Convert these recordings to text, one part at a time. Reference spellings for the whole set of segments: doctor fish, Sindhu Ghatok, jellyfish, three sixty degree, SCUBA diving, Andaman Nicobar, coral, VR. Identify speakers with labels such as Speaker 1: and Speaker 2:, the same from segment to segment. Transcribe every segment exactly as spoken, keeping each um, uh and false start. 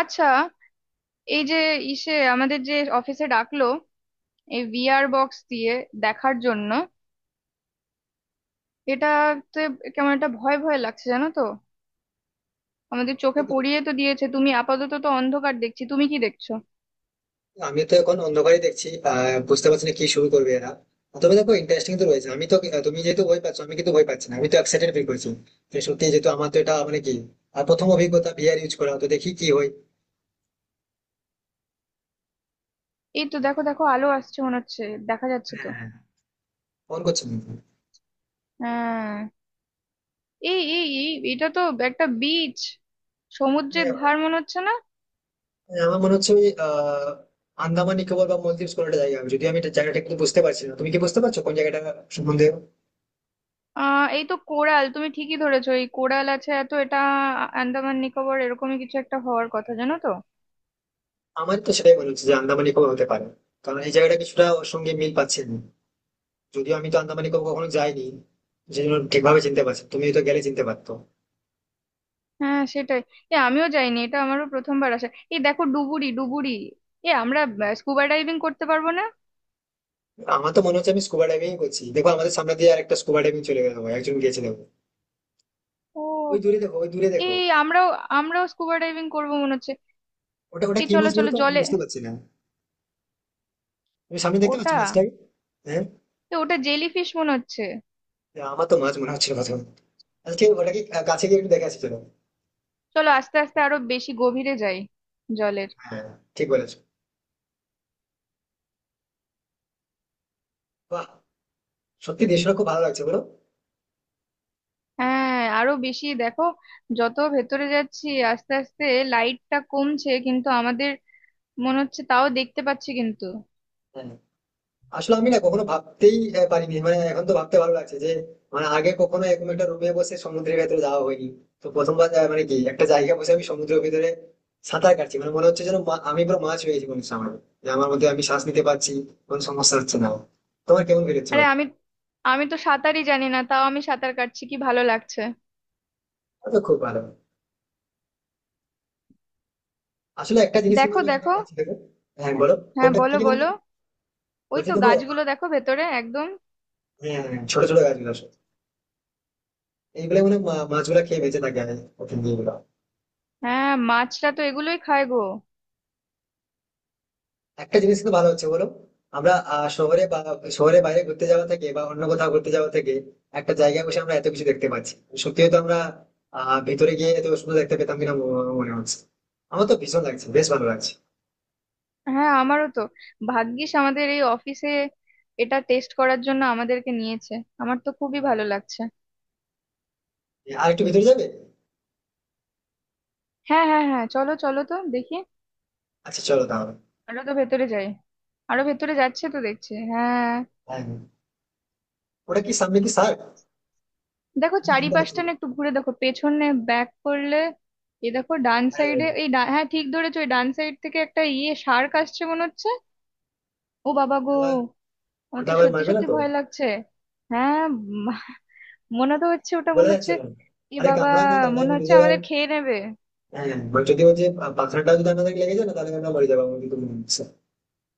Speaker 1: আচ্ছা, এই যে ইসে আমাদের যে অফিসে ডাকলো এই ভিআর বক্স দিয়ে দেখার জন্য এটাতে কেমন একটা ভয় ভয় লাগছে জানো তো। আমাদের চোখে
Speaker 2: দেখো,
Speaker 1: পড়িয়ে তো দিয়েছে, তুমি আপাতত তো অন্ধকার দেখছি, তুমি কি দেখছো?
Speaker 2: আমি তো এখন অন্ধকারই দেখছি। আহ বুঝতে পারছি না কি শুরু করবে এরা। তবে দেখো, ইন্টারেস্টিং তো রয়েছে। আমি তো তুমি যেহেতু ভয় পাচ্ছ, আমি কিন্তু ভয় পাচ্ছি না, আমি তো এক্সাইটেড ফিল করছি। যে সত্যি, যেহেতু আমার তো এটা মানে কি আর প্রথম অভিজ্ঞতা ভিআর ইউজ করা, তো দেখি কি হয়।
Speaker 1: এই তো দেখো দেখো, আলো আসছে মনে হচ্ছে, দেখা যাচ্ছে তো।
Speaker 2: হ্যাঁ, ফোন করছি আমি।
Speaker 1: হ্যাঁ, এই এই এই এটা তো একটা বিচ, সমুদ্রের
Speaker 2: হ্যাঁ,
Speaker 1: ধার মনে হচ্ছে না?
Speaker 2: হ্যাঁ, আমার মনে হচ্ছে ওই আহ আন্দামান নিকোবর বা মলদ্বীপ কোনো একটা জায়গা হবে। যদি আমি এটা জায়গাটা কিন্তু বুঝতে পারছি না, তুমি কি বুঝতে পারছো কোন জায়গাটা সম্বন্ধে?
Speaker 1: আহ এই তো কোরাল, তুমি ঠিকই ধরেছো, এই কোরাল আছে, এত এটা আন্দামান নিকোবর এরকমই কিছু একটা হওয়ার কথা জানো তো।
Speaker 2: আমার তো সেটাই মনে হচ্ছে যে আন্দামান নিকোবর হতে পারে, কারণ এই জায়গাটা কিছুটা ওর সঙ্গে মিল পাচ্ছে না। যদিও আমি তো আন্দামানে কখনো কখনো যাইনি, যে জন্য ঠিকভাবে চিনতে পারছি। তুমি তো গেলে চিনতে পারতো।
Speaker 1: হ্যাঁ সেটাই, এ আমিও যাইনি, এটা আমারও প্রথমবার আসা। এই দেখো ডুবুরি ডুবুরি, এ আমরা স্কুবা ডাইভিং করতে পারবো না।
Speaker 2: আমার তো মনে হচ্ছে আমি স্কুবা ডাইভিং করছি। দেখো, আমাদের সামনে দিয়ে আর একটা স্কুবা ডাইভিং চলে গেল, একজন গেছে দেখো। ওই
Speaker 1: ও,
Speaker 2: দূরে দেখো, ওই দূরে দেখো।
Speaker 1: এই আমরাও আমরাও স্কুবা ডাইভিং করবো মনে হচ্ছে।
Speaker 2: ওটা ওটা
Speaker 1: এই
Speaker 2: কি
Speaker 1: চলো
Speaker 2: মাছ বলো
Speaker 1: চলো
Speaker 2: তো, আমি
Speaker 1: জলে।
Speaker 2: বুঝতে পারছি না। তুমি সামনে দেখতে পাচ্ছ
Speaker 1: ওটা
Speaker 2: মাছটাকে? হ্যাঁ,
Speaker 1: এ ওটা জেলিফিশ মনে হচ্ছে।
Speaker 2: হ্যাঁ, আমার তো মাছ মনে হচ্ছিল কথা। আজকে ওটাকে কাছে গিয়ে একটু দেখে আসি চলো।
Speaker 1: চলো আস্তে আস্তে আরো বেশি গভীরে যাই জলের।
Speaker 2: হ্যাঁ, ঠিক বলেছো। বাহ, সত্যি দেশটা খুব ভালো লাগছে বলো।
Speaker 1: হ্যাঁ আরো বেশি দেখো, যত ভেতরে যাচ্ছি আস্তে আস্তে লাইটটা কমছে, কিন্তু আমাদের মনে হচ্ছে তাও দেখতে পাচ্ছি কিন্তু।
Speaker 2: হ্যাঁ, আসলে আমি না কখনো ভাবতেই আহ, পারিনি, মানে এখন তো ভাবতে ভালো লাগছে যে মানে আগে কখনো এরকম একটা রুমে বসে সমুদ্রের ভেতরে যাওয়া হয়নি। তো প্রথমবার আহ, মানে কি একটা জায়গায় বসে আমি সমুদ্রের ভেতরে সাঁতার কাটছি। মানে মনে হচ্ছে যেন মা- আমি পুরো মাছ হয়ে গেছি মনে হচ্ছে আমার। যে আমার মধ্যে আমি শ্বাস নিতে পারছি, কোনো সমস্যা হচ্ছে না। তোমার কেমন ফিল হচ্ছে
Speaker 1: আরে
Speaker 2: বলো?
Speaker 1: আমি আমি তো সাঁতারই জানি না, তাও আমি সাঁতার কাটছি, কি ভালো লাগছে।
Speaker 2: আমার তো খুব ভালো। আসলে একটা জিনিস কিন্তু
Speaker 1: দেখো
Speaker 2: আমি এখান
Speaker 1: দেখো,
Speaker 2: থেকে পাচ্ছি দেখো। হ্যাঁ, বলো।
Speaker 1: হ্যাঁ
Speaker 2: কোনটা কি
Speaker 1: বলো
Speaker 2: মনে
Speaker 1: বলো,
Speaker 2: করি
Speaker 1: ওই
Speaker 2: বলছি
Speaker 1: তো
Speaker 2: দেখো।
Speaker 1: গাছগুলো দেখো ভেতরে একদম।
Speaker 2: হ্যাঁ, হ্যাঁ, ছোট ছোট গাছগুলো আসলে এইগুলো মানে মা- মাছগুলো খেয়ে বেঁচে থাকে। আমি ওখান দিয়ে এগুলো।
Speaker 1: হ্যাঁ মাছটা তো এগুলোই খায় গো।
Speaker 2: একটা জিনিস কিন্তু ভালো হচ্ছে বলো। আমরা আহ, শহরে বা শহরে বাইরে ঘুরতে যাওয়া থেকে বা অন্য কোথাও ঘুরতে যাওয়া থেকে একটা জায়গায় বসে আমরা এত কিছু দেখতে পাচ্ছি। সত্যি হয়তো আমরা আহ ভিতরে গিয়ে এত সুন্দর দেখতে পেতাম কিনা ম- মনে হচ্ছে। আমার তো ভীষণ লাগছে, বেশ ভালো লাগছে।
Speaker 1: হ্যাঁ আমারও তো, ভাগ্যিস আমাদের এই অফিসে এটা টেস্ট করার জন্য আমাদেরকে নিয়েছে, আমার তো খুবই ভালো লাগছে।
Speaker 2: আর একটু ভিতরে যাবে?
Speaker 1: হ্যাঁ হ্যাঁ হ্যাঁ চলো চলো তো দেখি,
Speaker 2: আচ্ছা, চলো তাহলে।
Speaker 1: আরো তো ভেতরে যাই, আরো ভেতরে যাচ্ছে তো দেখছি, হ্যাঁ।
Speaker 2: হ্যাঁ, হ্যাঁ। ওটা কি সামনে, কি স্যার
Speaker 1: দেখো
Speaker 2: চিন্তা করছি।
Speaker 1: চারিপাশটা না একটু ঘুরে দেখো, পেছনে ব্যাক করলে। এই দেখো ডান
Speaker 2: হ্যাঁ, হ্যাঁ।
Speaker 1: সাইডে, এই ডা- হ্যাঁ ঠিক ধরেছো, ওই ডান সাইড থেকে একটা ইয়ে শার্ক আসছে মনে হচ্ছে। ও বাবা গো,
Speaker 2: ওটা- আবার-
Speaker 1: আমার
Speaker 2: ওটা
Speaker 1: তো
Speaker 2: আবার
Speaker 1: সত্যি
Speaker 2: মারবে না
Speaker 1: সত্যি
Speaker 2: তো?
Speaker 1: ভয় লাগছে। হ্যাঁ, উম, মনে তো হচ্ছে, ওটা
Speaker 2: বলা
Speaker 1: মনে
Speaker 2: যাচ্ছে
Speaker 1: হচ্ছে।
Speaker 2: না।
Speaker 1: এ
Speaker 2: আরে,
Speaker 1: বাবা,
Speaker 2: কামড়ায় না, কামড়ায়
Speaker 1: মনে
Speaker 2: যদি
Speaker 1: হচ্ছে আমাদের
Speaker 2: আবার-
Speaker 1: খেয়ে নেবে।
Speaker 2: হ্যাঁ, যদি ওই যে পাথরটা যদি আমাদের লেগে যায় না, তাহলে আমরা মরে যাবো আমার কিন্তু মনে হচ্ছে।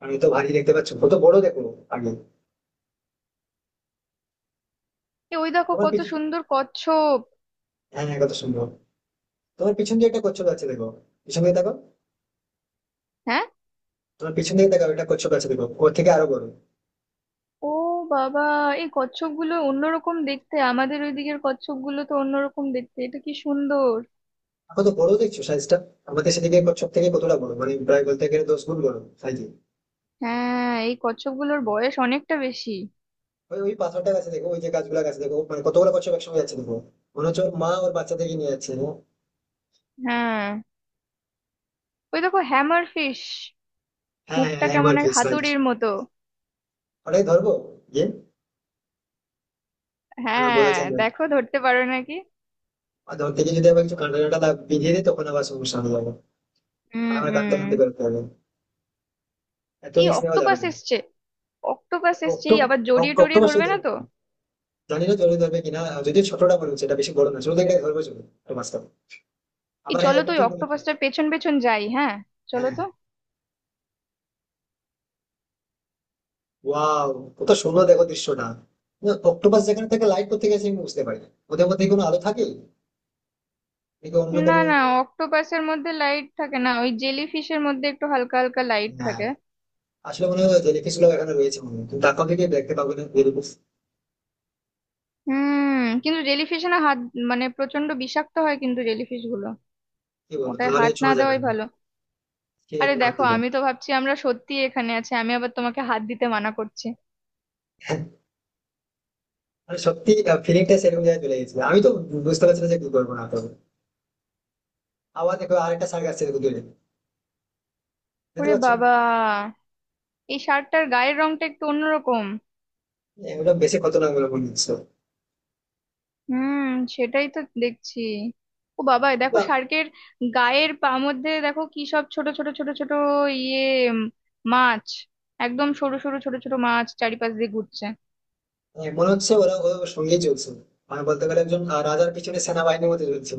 Speaker 2: আমি তো ভারী দেখতে পাচ্ছ কত বড় দেখো আগে।
Speaker 1: এ ওই দেখো
Speaker 2: তোমার
Speaker 1: কত
Speaker 2: পিছ
Speaker 1: সুন্দর কচ্ছপ।
Speaker 2: হ্যাঁ, হ্যাঁ, কত সুন্দর। তোমার পিছন দিয়ে একটা কচ্ছপ আছে দেখো, পিছন দিকে দেখো।
Speaker 1: হ্যাঁ।
Speaker 2: তোমার পিছন দিকে দেখো, একটা কচ্ছপ আছে দেখো, ওর থেকে আরো বড়।
Speaker 1: ও বাবা, এই কচ্ছপ গুলো অন্যরকম দেখতে, আমাদের ওইদিকের কচ্ছপ গুলো তো অন্যরকম দেখতে, এটা কি সুন্দর।
Speaker 2: কত বড় দেখছো সাইজটা। আমাদের সেদিকে কচ্ছপ থেকে কতটা বড়, মানে প্রায় বলতে গেলে দশ গুণ বড় সাইজে।
Speaker 1: হ্যাঁ এই কচ্ছপ গুলোর বয়স অনেকটা বেশি।
Speaker 2: ওই ওই পাথরটা গাছে দেখো, ওই যে গাছগুলা গাছে দেখো, মানে কতগুলো কচ্ছপ একসঙ্গে যাচ্ছে দেখো। মনে হচ্ছে ওর মা ওর বাচ্চা থেকে নিয়ে যাচ্ছে।
Speaker 1: হ্যাঁ ওই দেখো হ্যামার ফিশ,
Speaker 2: হ্যাঁ, হ্যাঁ,
Speaker 1: মুখটা
Speaker 2: হ্যাঁ, এবার
Speaker 1: কেমন এক
Speaker 2: ফিক্স রাইট।
Speaker 1: হাতুড়ির মতো।
Speaker 2: ওটাই ধরবো। ইয়ে না, না, বলা
Speaker 1: হ্যাঁ,
Speaker 2: যায় না।
Speaker 1: দেখো ধরতে পারো নাকি।
Speaker 2: আর ধরতে গিয়ে যদি আবার কিছু কাঁটা কাঁটা দাগ বিঁধিয়ে দিই, তখন আবার সমস্যা হয়ে যাবে।
Speaker 1: হুম
Speaker 2: আমার কাঁদতে কাঁদতে
Speaker 1: হুম।
Speaker 2: বেরোতে হবে। এত
Speaker 1: এই
Speaker 2: রিস্ক নেওয়া যাবে
Speaker 1: অক্টোপাস
Speaker 2: না।
Speaker 1: এসছে, অক্টোপাস এসছে, এই
Speaker 2: অক্টো-
Speaker 1: আবার জড়িয়ে
Speaker 2: অক-
Speaker 1: টড়িয়ে
Speaker 2: অক্টোবর শুধু
Speaker 1: ধরবে না
Speaker 2: ধরবে
Speaker 1: তো?
Speaker 2: চলে। জানি না চলে ধরবে কিনা। যদি ছোটটা বলবে সেটা বেশি বড় না, শুধু একটা ধরবে চলে একটু মাঝখানে।
Speaker 1: এই
Speaker 2: আবার হ্যাঁ,
Speaker 1: চলো তো
Speaker 2: এটা
Speaker 1: ওই
Speaker 2: ঠিক বলেছো।
Speaker 1: অক্টোপাসটার পেছন পেছন যাই, হ্যাঁ চলো
Speaker 2: হ্যাঁ,
Speaker 1: তো।
Speaker 2: ওয়াও, কত সুন্দর দেখো দৃশ্যটা। না, অক্টোপাস যেখানে থেকে লাইট করতে গেছে, আমি বুঝতে পারি না ওদের মধ্যে কি কোনো আলো থাকে নাকি অন্য
Speaker 1: না
Speaker 2: কোনো।
Speaker 1: না, অক্টোপাসের মধ্যে লাইট থাকে না, ওই জেলি ফিশের মধ্যে একটু হালকা হালকা লাইট
Speaker 2: না,
Speaker 1: থাকে।
Speaker 2: আসলে মনে হয় জেলিফিশ গুলো এখানে রয়েছে মনে হয়, কিন্তু তারপর থেকে দেখতে পাবো না জেলিফিশ।
Speaker 1: হুম, কিন্তু জেলিফিশে না হাত, মানে প্রচন্ড বিষাক্ত হয় কিন্তু জেলিফিশ গুলো,
Speaker 2: কি বলো
Speaker 1: ওটায়
Speaker 2: তাহলে,
Speaker 1: হাত না
Speaker 2: ছোঁয়া যাবে
Speaker 1: দেওয়াই
Speaker 2: না?
Speaker 1: ভালো।
Speaker 2: ঠিক
Speaker 1: আরে
Speaker 2: আছে, না
Speaker 1: দেখো
Speaker 2: দিলাম।
Speaker 1: আমি তো ভাবছি আমরা সত্যি এখানে আছি, আমি আবার তোমাকে হাত দিতে মানা করছি।
Speaker 2: মানে সত্যি, ফিলিংটা সেরকম জায়গায় চলে গেছিল, আমি তো বুঝতে পারছি না যে কি করবো না করবো। আবার দেখো, আরেকটা সার্ক আসছে দেখো দূরে। দেখতে
Speaker 1: ওরে
Speaker 2: পাচ্ছ?
Speaker 1: বাবা, এই শার্টটার গায়ের রংটা একটু অন্যরকম।
Speaker 2: হ্যাঁ, ওটা বেশি খতরনাক বলে মনে হচ্ছে।
Speaker 1: হুম, সেটাই তো দেখছি। ও বাবা, এ দেখো
Speaker 2: বা,
Speaker 1: শার্কের গায়ের পা মধ্যে দেখো কি সব ছোট ছোট ছোট ছোট ইয়ে উম, মাছ, একদম সরু সরু ছোট ছোট মাছ চারিপাশ দিয়ে ঘুরছে।
Speaker 2: আহ, মনে হচ্ছে ওরা ওর সঙ্গেই চলছে। মানে বলতে গেলে একজন আহ, রাজার পিছনে সেনাবাহিনীর মধ্যে চলছে।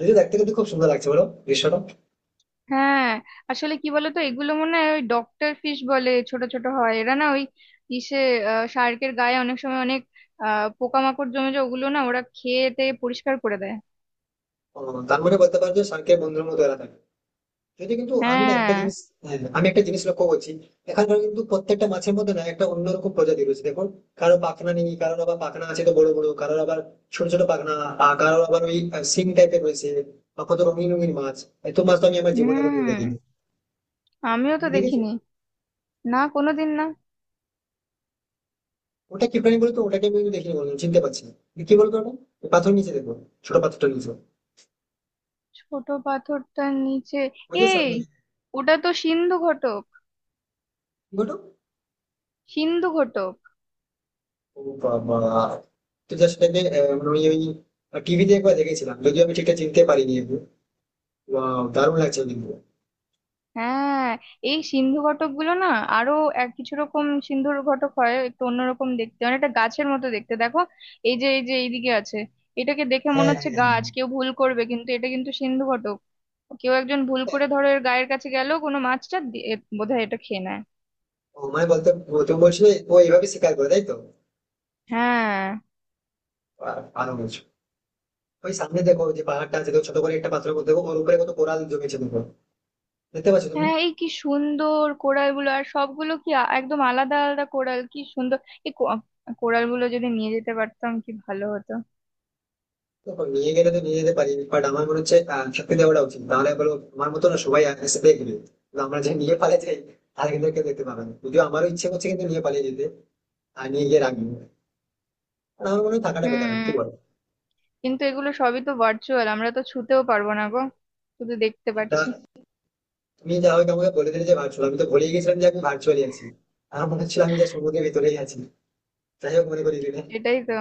Speaker 2: যদি দেখতে কিন্তু খুব সুন্দর লাগছে বলো দৃশ্যটা।
Speaker 1: হ্যাঁ আসলে কি বলতো, এগুলো মনে হয় ওই ডক্টর ফিশ বলে, ছোট ছোট হয় এরা না, ওই ইসে শার্কের গায়ে অনেক সময় অনেক আহ পোকামাকড় জমে যায়, ওগুলো না ওরা খেয়ে টেয়ে পরিষ্কার করে দেয়।
Speaker 2: আহ, তার মানে বলতে পারো যে শার্কের বন্ধুর মতো এরা থাকে। যদি কিন্তু আমি না একটা
Speaker 1: হ্যাঁ।
Speaker 2: জিনিস। হ্যাঁ, আমি একটা জিনিস লক্ষ্য করছি। এখানকার কিন্তু প্রত্যেকটা মাছের মধ্যে না একটা অন্যরকম প্রজাতি রয়েছে দেখো। কারো পাখনা নেই, কারোর আবার পাখনা আছে তো বড় বড়, কারোর আবার ছোট ছোট পাখনা, আহ, কারোর আবার ওই সিং টাইপের রয়েছে। বা, কত রঙিন রঙিন মাছ। এত মাছ তো আমি আমার জীবনে কোনোদিন
Speaker 1: হুম,
Speaker 2: দেখিনি।
Speaker 1: আমিও তো
Speaker 2: তুমি দেখেছো?
Speaker 1: দেখিনি, না কোনোদিন না।
Speaker 2: ওটা কি প্রাণী বলতো? ওটাকে আমি দেখিনি বলতো, চিনতে পারছি না, কি বলতো ওটা? ওই পাথর নিচে দেখো, ছোট পাথরটা নিচে,
Speaker 1: ছোট পাথরটার নিচে
Speaker 2: ওই যে
Speaker 1: এই,
Speaker 2: সামনে,
Speaker 1: ওটা তো সিন্ধু ঘটক,
Speaker 2: কি বলতো?
Speaker 1: সিন্ধু ঘটক।
Speaker 2: ও বাবা, তুই জাস্ট এটাকে আহ, মানে ওই ওই টিভিতে একবার দেখেছিলাম যদিও আমি ঠিকঠাক চিনতে পারিনি। ওয়াও, দারুণ লাগছে কিন্তু।
Speaker 1: হ্যাঁ এই সিন্ধু ঘটক গুলো না আরো এক কিছু রকম সিন্ধুর ঘটক হয় একটু অন্যরকম দেখতে, অনেকটা গাছের মতো দেখতে দেখো, এই যে এই যে এইদিকে আছে, এটাকে দেখে মনে
Speaker 2: হ্যাঁ,
Speaker 1: হচ্ছে
Speaker 2: হ্যাঁ,
Speaker 1: গাছ, কেউ ভুল করবে, কিন্তু এটা কিন্তু সিন্ধু ঘটক। কেউ একজন ভুল
Speaker 2: হ্যাঁ।
Speaker 1: করে ধরো এর গায়ের কাছে গেল কোনো মাছটা দিয়ে, বোধহয় এটা খেয়ে নেয়।
Speaker 2: ও মানে বলতে, ও তুমি বলছিলে ও এইভাবে শিকার করে, তাই তো?
Speaker 1: হ্যাঁ
Speaker 2: বাহ, ভালো বলছো। ওই সামনে দেখো যে পাহাড়টা আছে দেখো, ছোট করে একটা পাথরের মধ্যে দেখো, ওর উপরে কত কোরাল জমেছে দেখো। দেখতে পাচ্ছ তুমি?
Speaker 1: হ্যাঁ, এই কি সুন্দর কোরাল গুলো, আর সবগুলো কি আ- একদম আলাদা আলাদা কোরাল, কি সুন্দর। এই কোরাল গুলো যদি নিয়ে যেতে পারতাম কি ভালো হতো।
Speaker 2: দেখো, নিয়ে গেলে তো নিয়ে যেতে পারি, বাট আমার মনে হচ্ছে আহ, থাকতে দেওয়াটা উচিত। তাহলে বলো, আমার মতো না সবাই আগে সাথে এগিয়ে। কিন্তু আমরা যে নিয়ে পালিয়ে যাই, তাহলে কিন্তু কেউ দেখতে পাবে না। যদিও আমারও ইচ্ছে করছে কিন্তু নিয়ে পালিয়ে যেতে। আর নিয়ে গিয়ে রাখবো। আর আমার মনে হয় থাকাটা বেটার,
Speaker 1: হুম,
Speaker 2: কি বলো?
Speaker 1: কিন্তু এগুলো সবই তো ভার্চুয়াল, আমরা তো ছুতেও পারবো না গো, শুধু দেখতে
Speaker 2: সেটা।
Speaker 1: পাচ্ছি।
Speaker 2: তুমি যা হোক আমাকে বলে দিলে যে ভার্চুয়াল, আমি তো ভুলে গেছিলাম যে আমি ভার্চুয়ালি আছি। আর মনে হচ্ছিল আমি যা সমুদ্রের ভিতরেই আছি। যাই হোক, মনে করি দিলে।
Speaker 1: এটাই তো।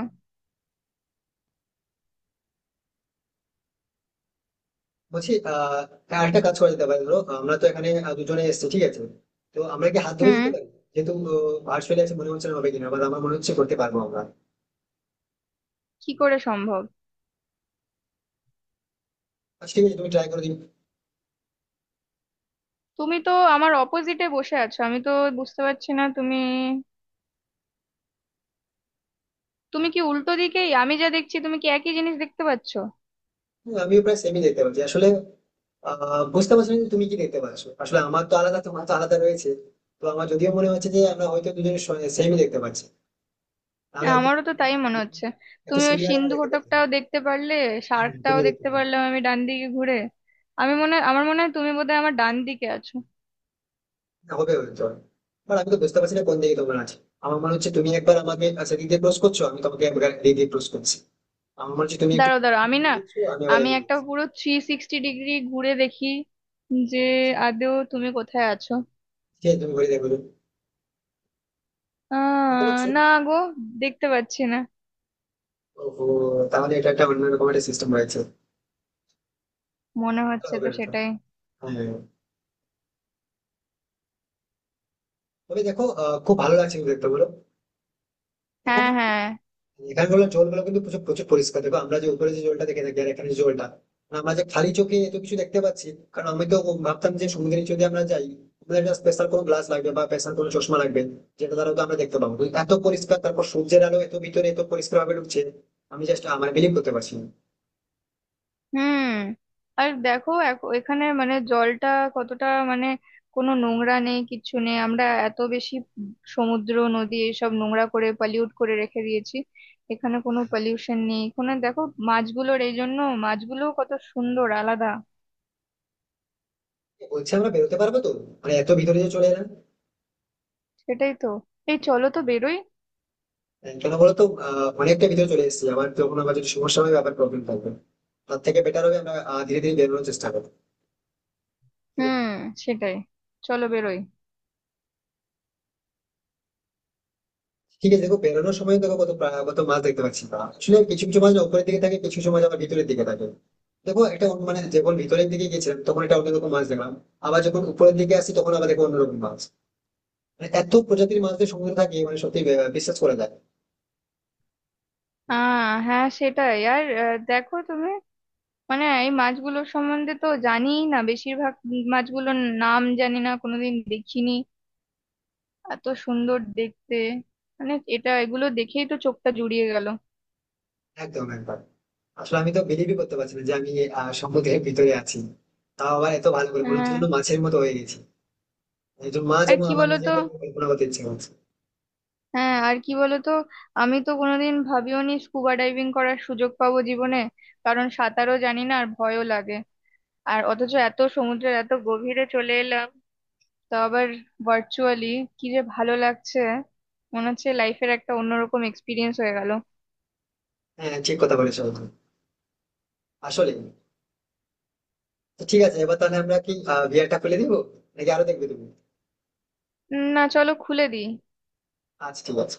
Speaker 2: বলছি আহ হ্যাঁ, আরেকটা কাজ করা যেতে পারে। ধরো আমরা তো এখানে আহ, দুজনে এসেছি, ঠিক আছে। তো আমরা কি হাত ধরে
Speaker 1: হুম,
Speaker 2: যেতে পারি, যেহেতু ভার্চুয়ালি আছে? মনে হচ্ছে না হবে কিনা, বা আমার মনে হচ্ছে করতে পারবো আমরা।
Speaker 1: কি করে সম্ভব?
Speaker 2: আচ্ছা, ঠিক আছে, তুমি ট্রাই করো দিন।
Speaker 1: তুমি তো আমার অপোজিটে বসে আছো, আমি তো বুঝতে পারছি না, তুমি তুমি কি উল্টো দিকেই, আমি যা দেখছি তুমি কি একই জিনিস দেখতে পাচ্ছো?
Speaker 2: আমিও প্রায় সেমই দেখতে পাচ্ছি আসলে। আহ বুঝতে পারছি না যে তুমি কি দেখতে পাচ্ছ, আসলে আমার তো আলাদা, তোমার তো আলাদা রয়েছে। তো আমার যদিও মনে হচ্ছে যে আমরা হয়তো দুজনে সেমই দেখতে পাচ্ছি। তাহলে এত
Speaker 1: আমারও তো তাই মনে হচ্ছে,
Speaker 2: এত
Speaker 1: তুমি ওই
Speaker 2: সিমিলার আমরা
Speaker 1: সিন্ধু
Speaker 2: দেখতে পাচ্ছি।
Speaker 1: ঘটকটাও দেখতে পারলে,
Speaker 2: হ্যাঁ,
Speaker 1: শার্কটাও
Speaker 2: তুমি দেখতে
Speaker 1: দেখতে
Speaker 2: পাবে।
Speaker 1: পারলাম আমি ডান দিকে ঘুরে। আমি মনে হয়- আমার মনে হয় তুমি বোধহয় আমার ডান দিকে আছো।
Speaker 2: না, হবে হয়তো, বাট আমি তো বুঝতে পারছি না কোন দিকে তোমার আছে। আমার মনে হচ্ছে তুমি একবার আমাকে সেদিক দিয়ে ক্রস করছো, আমি তোমাকে একবার এদিক দিয়ে ক্রস করছি। আমার মনে হচ্ছে তুমি একটু
Speaker 1: দাঁড়াও দাঁড়াও, আমি
Speaker 2: এগিয়ে
Speaker 1: না,
Speaker 2: যাচ্ছ, আমি আবার
Speaker 1: আমি
Speaker 2: এগিয়ে
Speaker 1: একটা
Speaker 2: যাচ্ছি।
Speaker 1: পুরো থ্রি সিক্সটি ডিগ্রি ঘুরে দেখি যে আদৌ তুমি কোথায় আছো।
Speaker 2: ঠিক আছে, তুমি ঘুরে দেখো। দেখতে
Speaker 1: আহ
Speaker 2: পাচ্ছ?
Speaker 1: না গো, দেখতে পাচ্ছি না।
Speaker 2: ওহো, তাহলে এটা একটা অন্যরকম একটা সিস্টেম রয়েছে।
Speaker 1: মনে হচ্ছে তো
Speaker 2: হবে ব্যাপার।
Speaker 1: সেটাই।
Speaker 2: হ্যাঁ। তবে দেখো আহ, খুব ভালো লাগছে কিন্তু দেখতে বলো।
Speaker 1: হ্যাঁ
Speaker 2: এখানে
Speaker 1: হ্যাঁ।
Speaker 2: এখানে বলো জলগুলো কিন্তু প্রচুর প্রচুর পরিষ্কার। দেখো আমরা যে উপরে যে জলটা দেখে থাকি, আর এখানে যে জলটা, মানে আমরা যে খালি চোখে এত কিছু দেখতে পাচ্ছি, কারণ আমি তো ভাবতাম যে সমুদ্রে যদি আমরা যাই, আমাদের একটা স্পেশাল কোনো গ্লাস লাগবে বা স্পেশাল কোনো চশমা লাগবে, যেটা দ্বারা তো আমরা দেখতে পাবো। কিন্তু এত পরিষ্কার, তারপর সূর্যের আলো এত ভিতরে এত পরিষ্কার ভাবে ঢুকছে। আমি জাস্ট আমার বিলিভ করতে পারছি না।
Speaker 1: হুম, আর দেখো এখ- এখানে মানে জলটা কতটা মানে কোনো নোংরা নেই, কিচ্ছু নেই, আমরা এত বেশি সমুদ্র নদী এসব নোংরা করে পলিউট করে রেখে দিয়েছি, এখানে কোনো পলিউশন নেই, এখানে দেখো মাছগুলোর এই জন্য মাছগুলো কত সুন্দর আলাদা।
Speaker 2: বলছি আমরা বেরোতে পারবো তো? মানে এত ভিতরে যে চলে এলাম।
Speaker 1: সেটাই তো, এই চলো তো বেরোই।
Speaker 2: কেন বলতো আহ, অনেকটা ভিতরে চলে এসেছি আমার, তখন আবার যদি সমস্যা হয় আবার প্রবলেম থাকবে। তার থেকে বেটার হবে আমরা আহ, ধীরে ধীরে বেরোনোর চেষ্টা করবো, কি বলো?
Speaker 1: হুম সেটাই, চলো বেরোই।
Speaker 2: ঠিক আছে, দেখো বেরোনোর সময় দেখো কত প্রা- কত মাছ দেখতে পাচ্ছি। বা আসলে কিছু কিছু মাছ না উপরের দিকে থাকে, কিছু কিছু মাছ আবার ভিতরের দিকে থাকে। দেখো একটা অন্য- মানে যখন ভিতরের দিকে গেছিলাম তখন একটা অন্যরকম মাছ দেখলাম। আবার যখন উপরের দিকে আসি তখন আবার দেখো অন্যরকম মাছ। মানে এত প্রজাতির মাছদের সমুদ্রে থাকে, মানে সত্যি আহ, বিশ্বাস করা যায় না।
Speaker 1: আহ হ্যাঁ সেটাই, আর আহ, দেখো তুমি, মানে এই মাছগুলোর সম্বন্ধে তো জানিই না, বেশিরভাগ মাছগুলোর নাম জানি না, কোনোদিন দেখিনি, এত সুন্দর দেখতে, মানে এটা এগুলো দেখেই তো চোখটা জুড়িয়ে গেল।
Speaker 2: একদম একবার। আসলে আমি তো বিলিভই করতে পারছি না যে আমি আহ, সমুদ্রের ভিতরে আছি। তাও আবার এত ভালো করে মনে হচ্ছে
Speaker 1: হ্যাঁ
Speaker 2: যেন মাছের মতো হয়ে গেছি। একজন মা
Speaker 1: আর
Speaker 2: যেমন
Speaker 1: কি
Speaker 2: আমার
Speaker 1: বলতো,
Speaker 2: নিজেকে আমি কল্পনা করতে ইচ্ছে করছে।
Speaker 1: হ্যাঁ আর কি বলতো, আমি তো কোনোদিন ভাবিওনি স্কুবা ডাইভিং করার সুযোগ পাবো জীবনে, কারণ সাঁতারও জানি না আর ভয়ও লাগে। আর অথচ এত সমুদ্রের এত গভীরে চলে এলাম, তো আবার ভার্চুয়ালি, কি যে ভালো লাগছে, মনে হচ্ছে লাইফের একটা অন্যরকম এক্সপিরিয়েন্স হয়ে গেল।
Speaker 2: হ্যাঁ, ঠিক কথা বলেছো একদম। আসলে তো ঠিক আছে, এবার তাহলে আমরা কি ভিআরটা খুলে দিব, নাকি আরো দেখবে তুমি?
Speaker 1: না চলো খুলে দিই।
Speaker 2: আচ্ছা, ঠিক আছে।